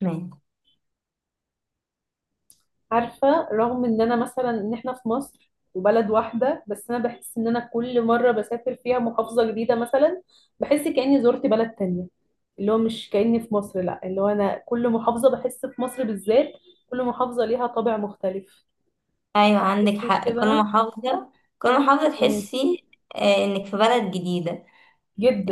تمام. عارفة رغم ان انا مثلا ان احنا في مصر وبلد واحدة، بس انا بحس ان انا كل مرة بسافر فيها محافظة جديدة مثلا بحس كأني زرت بلد تانية. اللي هو مش كأني في مصر، لا اللي هو انا كل محافظة بحس في مصر بالذات كل محافظة ليها طابع مختلف. ايوه عندك تحسيش حق، كل كده؟ محافظة كل محافظة مم. تحسي انك في بلد جديدة.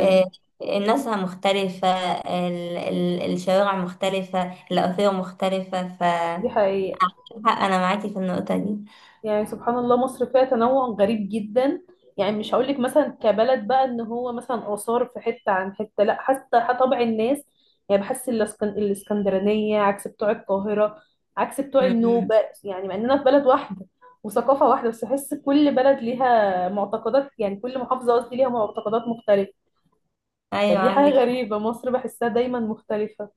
آه، الناس مختلفة. الشوارع مختلفة، الأثير مختلفة. دي حقيقة. عندك حق، انا معاكي في النقطة دي. يعني سبحان الله مصر فيها تنوع غريب جدا، يعني مش هقولك مثلا كبلد بقى ان هو مثلا آثار في حتة عن حتة، لا حتى طبع الناس. يعني بحس الاسكندرانية عكس بتوع القاهرة، عكس بتوع مم. النوبة. يعني مع اننا في بلد واحدة وثقافة واحدة، بس بحس كل بلد ليها معتقدات، يعني كل محافظة قصدي ليها معتقدات مختلفة. ايوه فدي حاجة عندك حق. غريبة، مصر بحسها دايما مختلفة.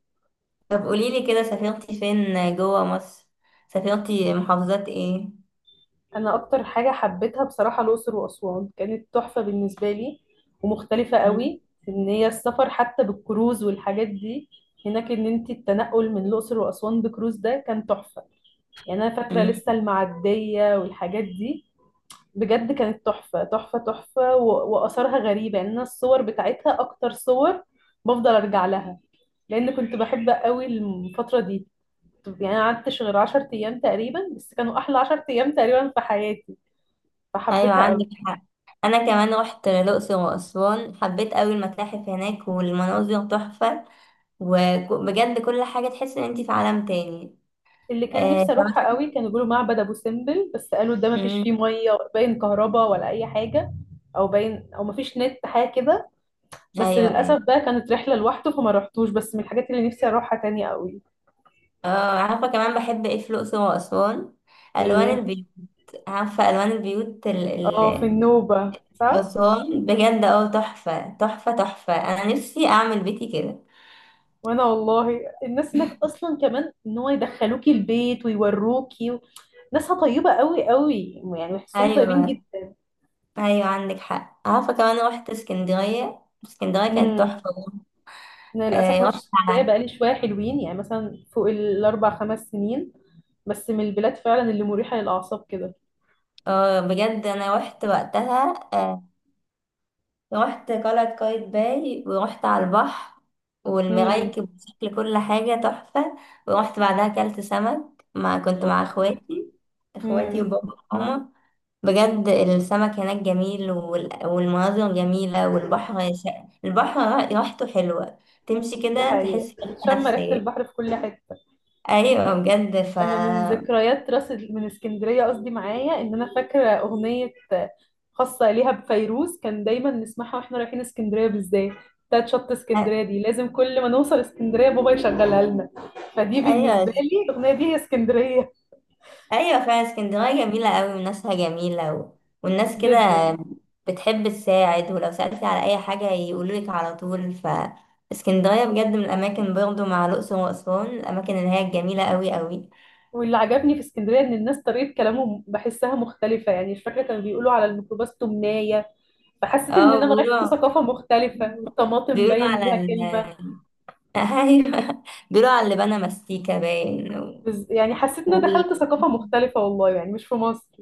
طب قوليلي كده، سافرتي فين جوه مصر؟ سافرتي محافظات ايه؟ انا اكتر حاجه حبيتها بصراحه الاقصر واسوان، كانت تحفه بالنسبه لي ومختلفه مم. قوي. ان هي السفر حتى بالكروز والحاجات دي هناك، ان انت التنقل من الاقصر واسوان بكروز ده كان تحفه. يعني انا فاكره لسه مم. المعديه والحاجات دي. بجد كانت تحفه تحفه تحفه، واثارها غريبه. يعني انا الصور بتاعتها اكتر صور بفضل ارجع لها، لان كنت بحب قوي الفتره دي. يعني أنا قعدتش غير 10 ايام تقريبا، بس كانوا احلى 10 ايام تقريبا في حياتي ايوه فحبيتها. عندك حق. انا كمان رحت الاقصر واسوان، حبيت قوي المتاحف هناك والمناظر تحفة. وبجد كل حاجة تحس ان انت في عالم تاني. اللي كان آه نفسي اروحها كمان. قوي كانوا بيقولوا معبد ابو سمبل، بس قالوا ده ما فيش فيه مم. ميه باين، كهرباء ولا اي حاجه، او باين او ما فيش نت حاجه كده. بس ايوه للاسف ايوه. بقى كانت رحله لوحده فما رحتوش، بس من الحاجات اللي نفسي اروحها تاني قوي. اه عارفة كمان بحب ايه في الأقصر وأسوان؟ ألوان ايه؟ البيوت. عارفة ألوان البيوت ال اه في ال النوبه صح. أسوان بجد اه، تحفة تحفة تحفة. أنا نفسي أعمل بيتي كده. وانا والله الناس هناك اصلا كمان ان هو يدخلوكي البيت ويوروكي و... ناسها طيبه قوي قوي، يعني بحسهم طيبين أيوة. جدا. أيوة عندك حق. عارفة كمان روحت اسكندرية، اسكندرية كانت امم. تحفة برضه. انا للاسف آه ما رحتش رحت اسكندريه على، بقالي شويه حلوين، يعني مثلا فوق الاربع خمس سنين، بس من البلاد فعلا اللي مريحة للأعصاب كده. اه بجد أنا روحت وقتها. رحت قلعة قايتباي ورحت على البحر امم. والمرايكب، بشكل كل حاجة تحفة. ورحت بعدها أكلت سمك، كنت مع أوه. اخواتي، اخواتي امم. وبابا وماما. بجد السمك هناك جميل، والمناظر جميلة، البحر ريحته حلوة. تمشي دي كده حقيقة. تحس براحة شم ريحة نفسية. البحر في كل حتة. أيوة بجد. أنا من ذكريات راس من اسكندرية قصدي معايا إن أنا فاكرة أغنية خاصة ليها بفيروز كان دايما نسمعها واحنا رايحين اسكندرية بالذات، بتاعت شط أ- اسكندرية دي لازم كل ما نوصل اسكندرية بابا يشغلها لنا. فدي بالنسبة أيوة، لي الأغنية دي هي اسكندرية. ايوه فعلا اسكندريه جميله قوي، وناسها جميله والناس كده جدا. بتحب تساعد، ولو سالتي على اي حاجه يقولولك على طول. اسكندريه بجد من الاماكن، برضو مع الاقصر واسوان، الاماكن اللي هي الجميله قوي قوي. واللي عجبني في اسكندرية إن الناس طريقة كلامهم بحسها مختلفة، يعني مش فاكرة كانوا بيقولوا على الميكروباص تمناية، فحسيت ان اه انا رحت بيقولوا. ثقافة مختلفة، والطماطم بيقولوا باين على ليها كلمة. ايوه، بيقولوا على اللي بنى مستيكه باين يعني حسيت ان انا وال... دخلت ثقافة مختلفة والله، يعني مش في مصر.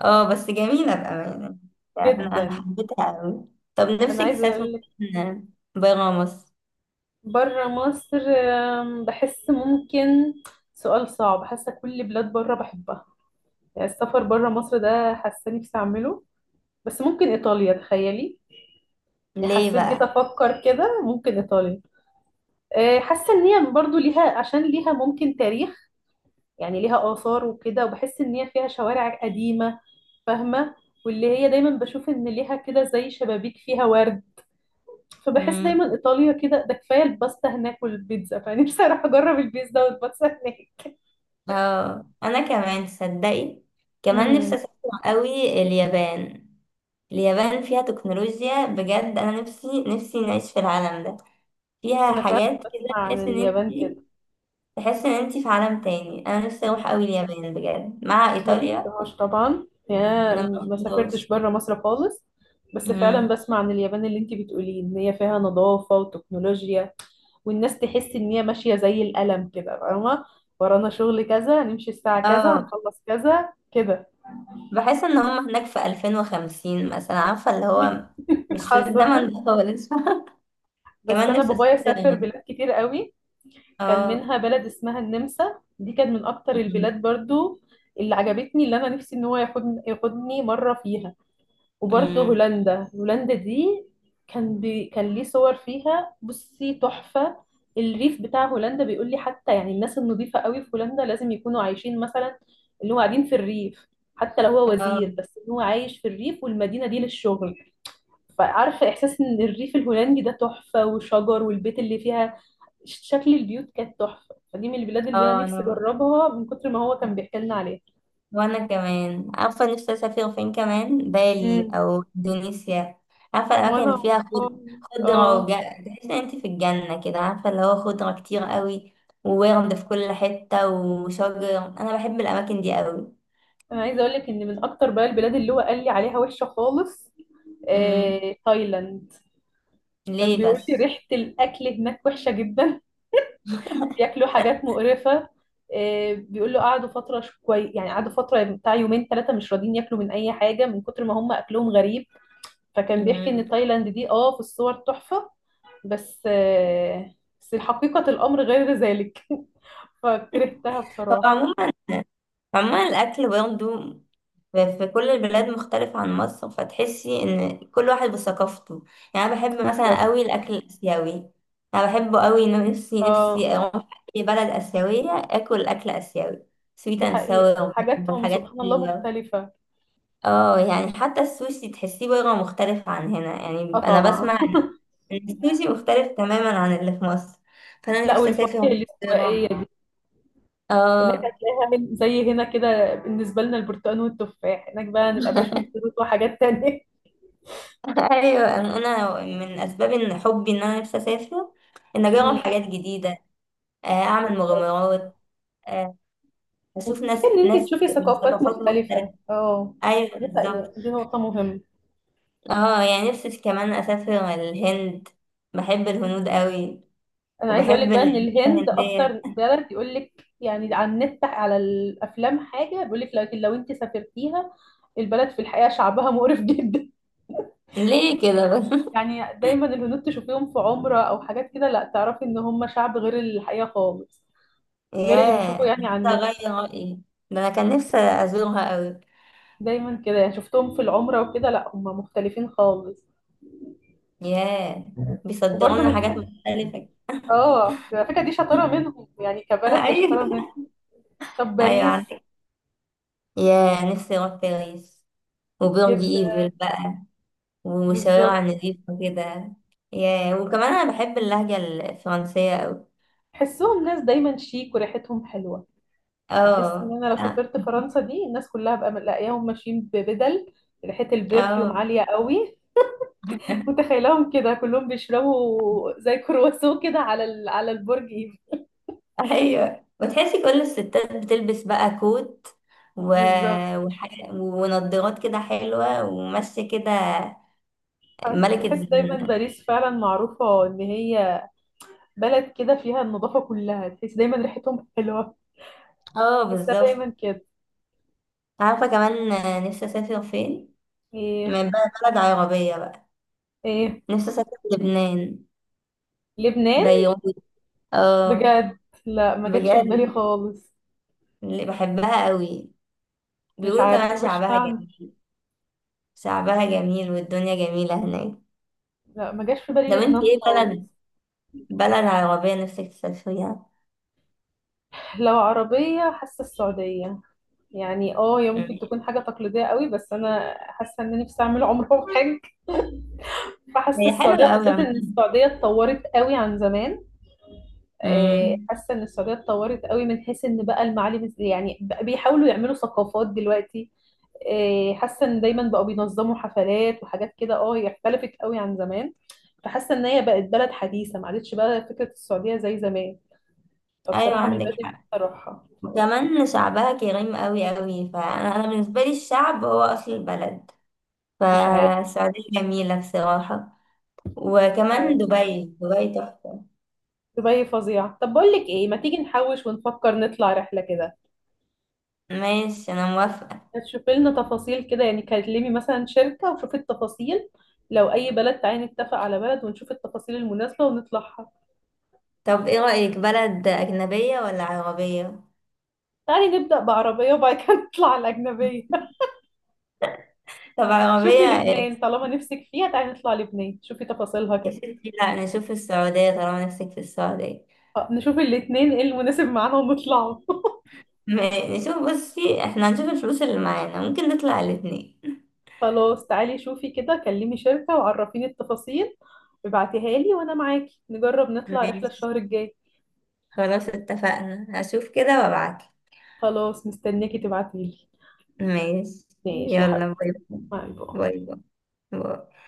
اه بس جميله بامانه. يعني أنا جدا. حبيتها قوي. طب انا نفسك عايزة تسافر اقول لك. فين؟ برا مصر؟ بره مصر بحس ممكن، سؤال صعب، حاسة كل بلاد بره بحبها، يعني السفر بره مصر ده حاسة نفسي اعمله. بس ممكن ايطاليا، تخيلي. يعني ليه حسيت جيت افكر كده ممكن ايطاليا. حاسة ان هي برضو ليها، عشان ليها ممكن تاريخ، يعني ليها آثار وكده، وبحس إن هي فيها شوارع قديمة، فاهمة، واللي هي دايما بشوف إن ليها كده زي شبابيك فيها ورد. فبحس بقى. دايما إيطاليا كده، ده كفاية الباستا هناك والبيتزا، فنفسي أروح أجرب البيتزا والباستا هناك. اه انا كمان تصدقي، كمان نفسي امم. اسافر قوي اليابان. اليابان فيها تكنولوجيا بجد، انا نفسي نعيش في العالم ده. فيها أنا فعلا حاجات بسمع كده عن تحس ان انت، اليابان كده. تحس ان انت في عالم تاني. انا نفسي اروح قوي اليابان بجد، مع ما ايطاليا. رحتهاش طبعا، يا انا ما ما سافرتش رحتهاش. بره مصر خالص، بس فعلا أمم. بسمع عن اليابان اللي انت بتقوليه ان هي فيها نظافة وتكنولوجيا، والناس تحس ان هي ماشية زي القلم كده، فاهمة، ورانا شغل كذا، نمشي الساعة كذا، اه هنخلص كذا كده. بحس ان هم هناك في 2050 مثلا، عارفه اللي هو مش في الزمن حصل. ده خالص. بس كمان انا نفسي بابايا اسافر. سافر بلاد كتير قوي، كان اه. منها بلد اسمها النمسا، دي كانت من اكتر أمم. البلاد برضو اللي عجبتني، اللي انا نفسي ان هو ياخدني مرة فيها. وبرضه أمم. هولندا، هولندا دي كان ليه صور فيها بصي تحفة. الريف بتاع هولندا بيقول لي حتى، يعني الناس النظيفة قوي في هولندا لازم يكونوا عايشين مثلا اللي هو قاعدين في الريف، حتى لو هو اه وزير بس ان هو عايش في الريف والمدينة دي للشغل. فعارفة إحساس إن الريف الهولندي ده تحفة، وشجر والبيت اللي فيها، شكل البيوت كانت تحفة، فدي من البلاد اللي أنا اه. نفسي انا أجربها من كتر ما هو كان بيحكي لنا عليها. وانا كمان، عارفه نفسي اسافر فين كمان؟ بالي امم. او اندونيسيا. عارفه الاماكن وأنا اللي فيها خضره اه. تحس ان انت في الجنه كده، عارفه اللي هو خضره كتير قوي، وورد في كل حته وشجر. انا بحب الاماكن دي قوي. انا عايزه اقول لك ان من اكتر بقى البلاد اللي هو قال لي عليها وحشه خالص امم. تايلاند. كان ليه بيقول لي بس؟ ريحه الاكل هناك وحشه جدا، بياكلوا حاجات مقرفه. بيقول له قعدوا فتره مش كويس، يعني قعدوا فتره بتاع يومين ثلاثه مش راضيين ياكلوا من اي حاجه من كتر ما هم اكلهم غريب. فكان بيحكي ان امم. تايلاند دي اه في الصور تحفه، بس بس حقيقه الامر غير ذلك، فكرهتها هو بصراحه. عموما، عموما الأكل برضه في كل البلاد مختلف عن مصر، فتحسي إن كل واحد بثقافته. يعني أنا بحب مثلا بالظبط. قوي الأكل الآسيوي، أنا بحبه قوي. إنه نفسي اه نفسي أروح أي بلد آسيوية آكل أكل آسيوي، سويت دي أند حقيقه ساور حاجاتهم والحاجات سبحان الله الحلوة. مختلفه. اه يعني حتى السوشي تحسيه بره مختلف عن هنا. اه يعني أنا طبعا. بسمع إن السوشي مختلف تماما عن اللي في مصر، فأنا لا نفسي والفواكه أسافر الاستوائية بره. دي هناك اه. هتلاقيها من زي هنا كده بالنسبة لنا البرتقال والتفاح، هناك بقى نبقى باشون فروت وحاجات تانية. ايوه، أنا من اسباب ان حبي ان انا نفسي اسافر، ان اجرب امم. حاجات جديده، اعمل بالظبط. مغامرات، آه، اشوف وكفاية ناس ان انت ناس تشوفي من ثقافات ثقافات مختلفه. مختلفة اه. ايوه دي حقيقة، بالظبط. دي نقطة مهمة. اه يعني نفسي كمان اسافر الهند، بحب الهنود قوي، انا عايزة اقولك وبحب بقى ان الأجواء الهند الهنديه. اكتر بلد يقولك يعني على النت على الافلام حاجة بيقولك، لكن لو انت سافرتيها البلد في الحقيقة شعبها مقرف جدا. ليه كده بس؟ يعني دايما الهنود تشوفيهم في عمرة او حاجات كده، لا تعرفي ان هم شعب غير الحقيقة خالص، غير اللي بنشوفه ياه يعني على نفسي النت. اغير رايي، ده انا كان نفسي ازورها قوي. دايما كده، يعني شفتهم في العمرة وكده، لا هم مختلفين خالص. ياه، بيصدروا وبرضه لنا حاجات مختلفه. اه على فكرة دي شطارة منهم، يعني كبلد هي شطارة منهم. ايوه. طب ايوه باريس. عندك. ياه نفسي اروح باريس، وبيرج جدا. ايفل بقى، ومشاوير بالظبط. نظيفة كده. ياه وكمان انا بحب اللهجة الفرنسية اوي. تحسهم ناس دايما شيك وريحتهم حلوة. يعني احس ان اه انا لو اه. سافرت فرنسا دي الناس كلها بقى لاقياهم ماشيين ببدل، ريحة البرفيوم آه. عالية قوي. متخيلهم كده كلهم بيشربوا زي كرواسون كده على على البرج ايفل. ايوه، وتحسي كل الستات بتلبس بقى كوت و... بالظبط. وح... ونضارات كده حلوة وماشية كده. ملكة بحس دايما زمانها. باريس فعلا معروفة ان هي بلد كده فيها النظافة كلها، تحس دايما ريحتهم حلوة. اه تحسها دايما بالظبط. كده. عارفة كمان نفسي اسافر فين؟ ايه؟ من بقى بلد عربية بقى. ايه؟ نفسي اسافر لبنان، لبنان؟ بيروت. اه. بجد. لا ما جاتش في بالي بجد خالص. اللي بحبها قوي، مش بيقولوا كمان عارفة مش شعبها معنى. جميل. شعبها جميل والدنيا جميلة هناك. لا ما جاش في طب بالي انت لبنان ايه خالص. بلد، بلد عربية نفسك تسافريها؟ لو عربية حاسة السعودية، يعني اه هي ممكن مم. تكون حاجة تقليدية قوي، بس انا حاسة ان نفسي اعمل عمرة وحج. فحاسة هي السعودية حلوة أوي بالذات ان عموما. السعودية اتطورت قوي عن زمان. مم. حاسة ان السعودية اتطورت قوي من حيث ان بقى المعالم، يعني بقى بيحاولوا يعملوا ثقافات دلوقتي. إيه، حاسه ان دايما بقوا بينظموا حفلات وحاجات كده، اه هي اختلفت قوي عن زمان. فحاسه ان هي بقت بلد حديثه ما عادتش بقى فكره السعوديه زي زمان، أيوة فبصراحه من بدري عندك نفسي حق. اروحها. وكمان شعبها كريم أوي أوي، فأنا، بالنسبة لي الشعب هو أصل البلد، مش عارف. فالسعودية جميلة بصراحة. مش عارف. وكمان دبي، دبي تحفة. دبي فظيعه. طب بقول لك ايه، ما تيجي نحوش ونفكر نطلع رحله كده، ماشي أنا موافقة. تشوفي لنا تفاصيل كده، يعني كلمي مثلا شركه وشوفي التفاصيل، لو اي بلد تعالي نتفق على بلد ونشوف التفاصيل المناسبه ونطلعها. طب ايه رأيك، بلد أجنبية ولا عربية؟ تعالي نبدا بعربيه وبعد كده نطلع على الاجنبيه. طب شوفي عربية. لبنان طالما نفسك فيها، تعالي نطلع لبنان، شوفي تفاصيلها يا كده. ستي لا نشوف السعودية طالما نفسك في السعودية. نشوف الاتنين ايه المناسب معانا ونطلعوا. م- نشوف، بصي احنا هنشوف الفلوس اللي معانا، ممكن نطلع الاتنين. خلاص تعالي شوفي كده، كلمي شركة وعرفيني التفاصيل، ابعتيها لي وانا معاكي نجرب نطلع رحلة ماشي الشهر الجاي. خلاص اتفقنا، هشوف كده وابعتلك. خلاص مستنياكي تبعتيلي. ماشي. ماشي يا يلا حبيبي. باي. باي باي باي. باي. باي.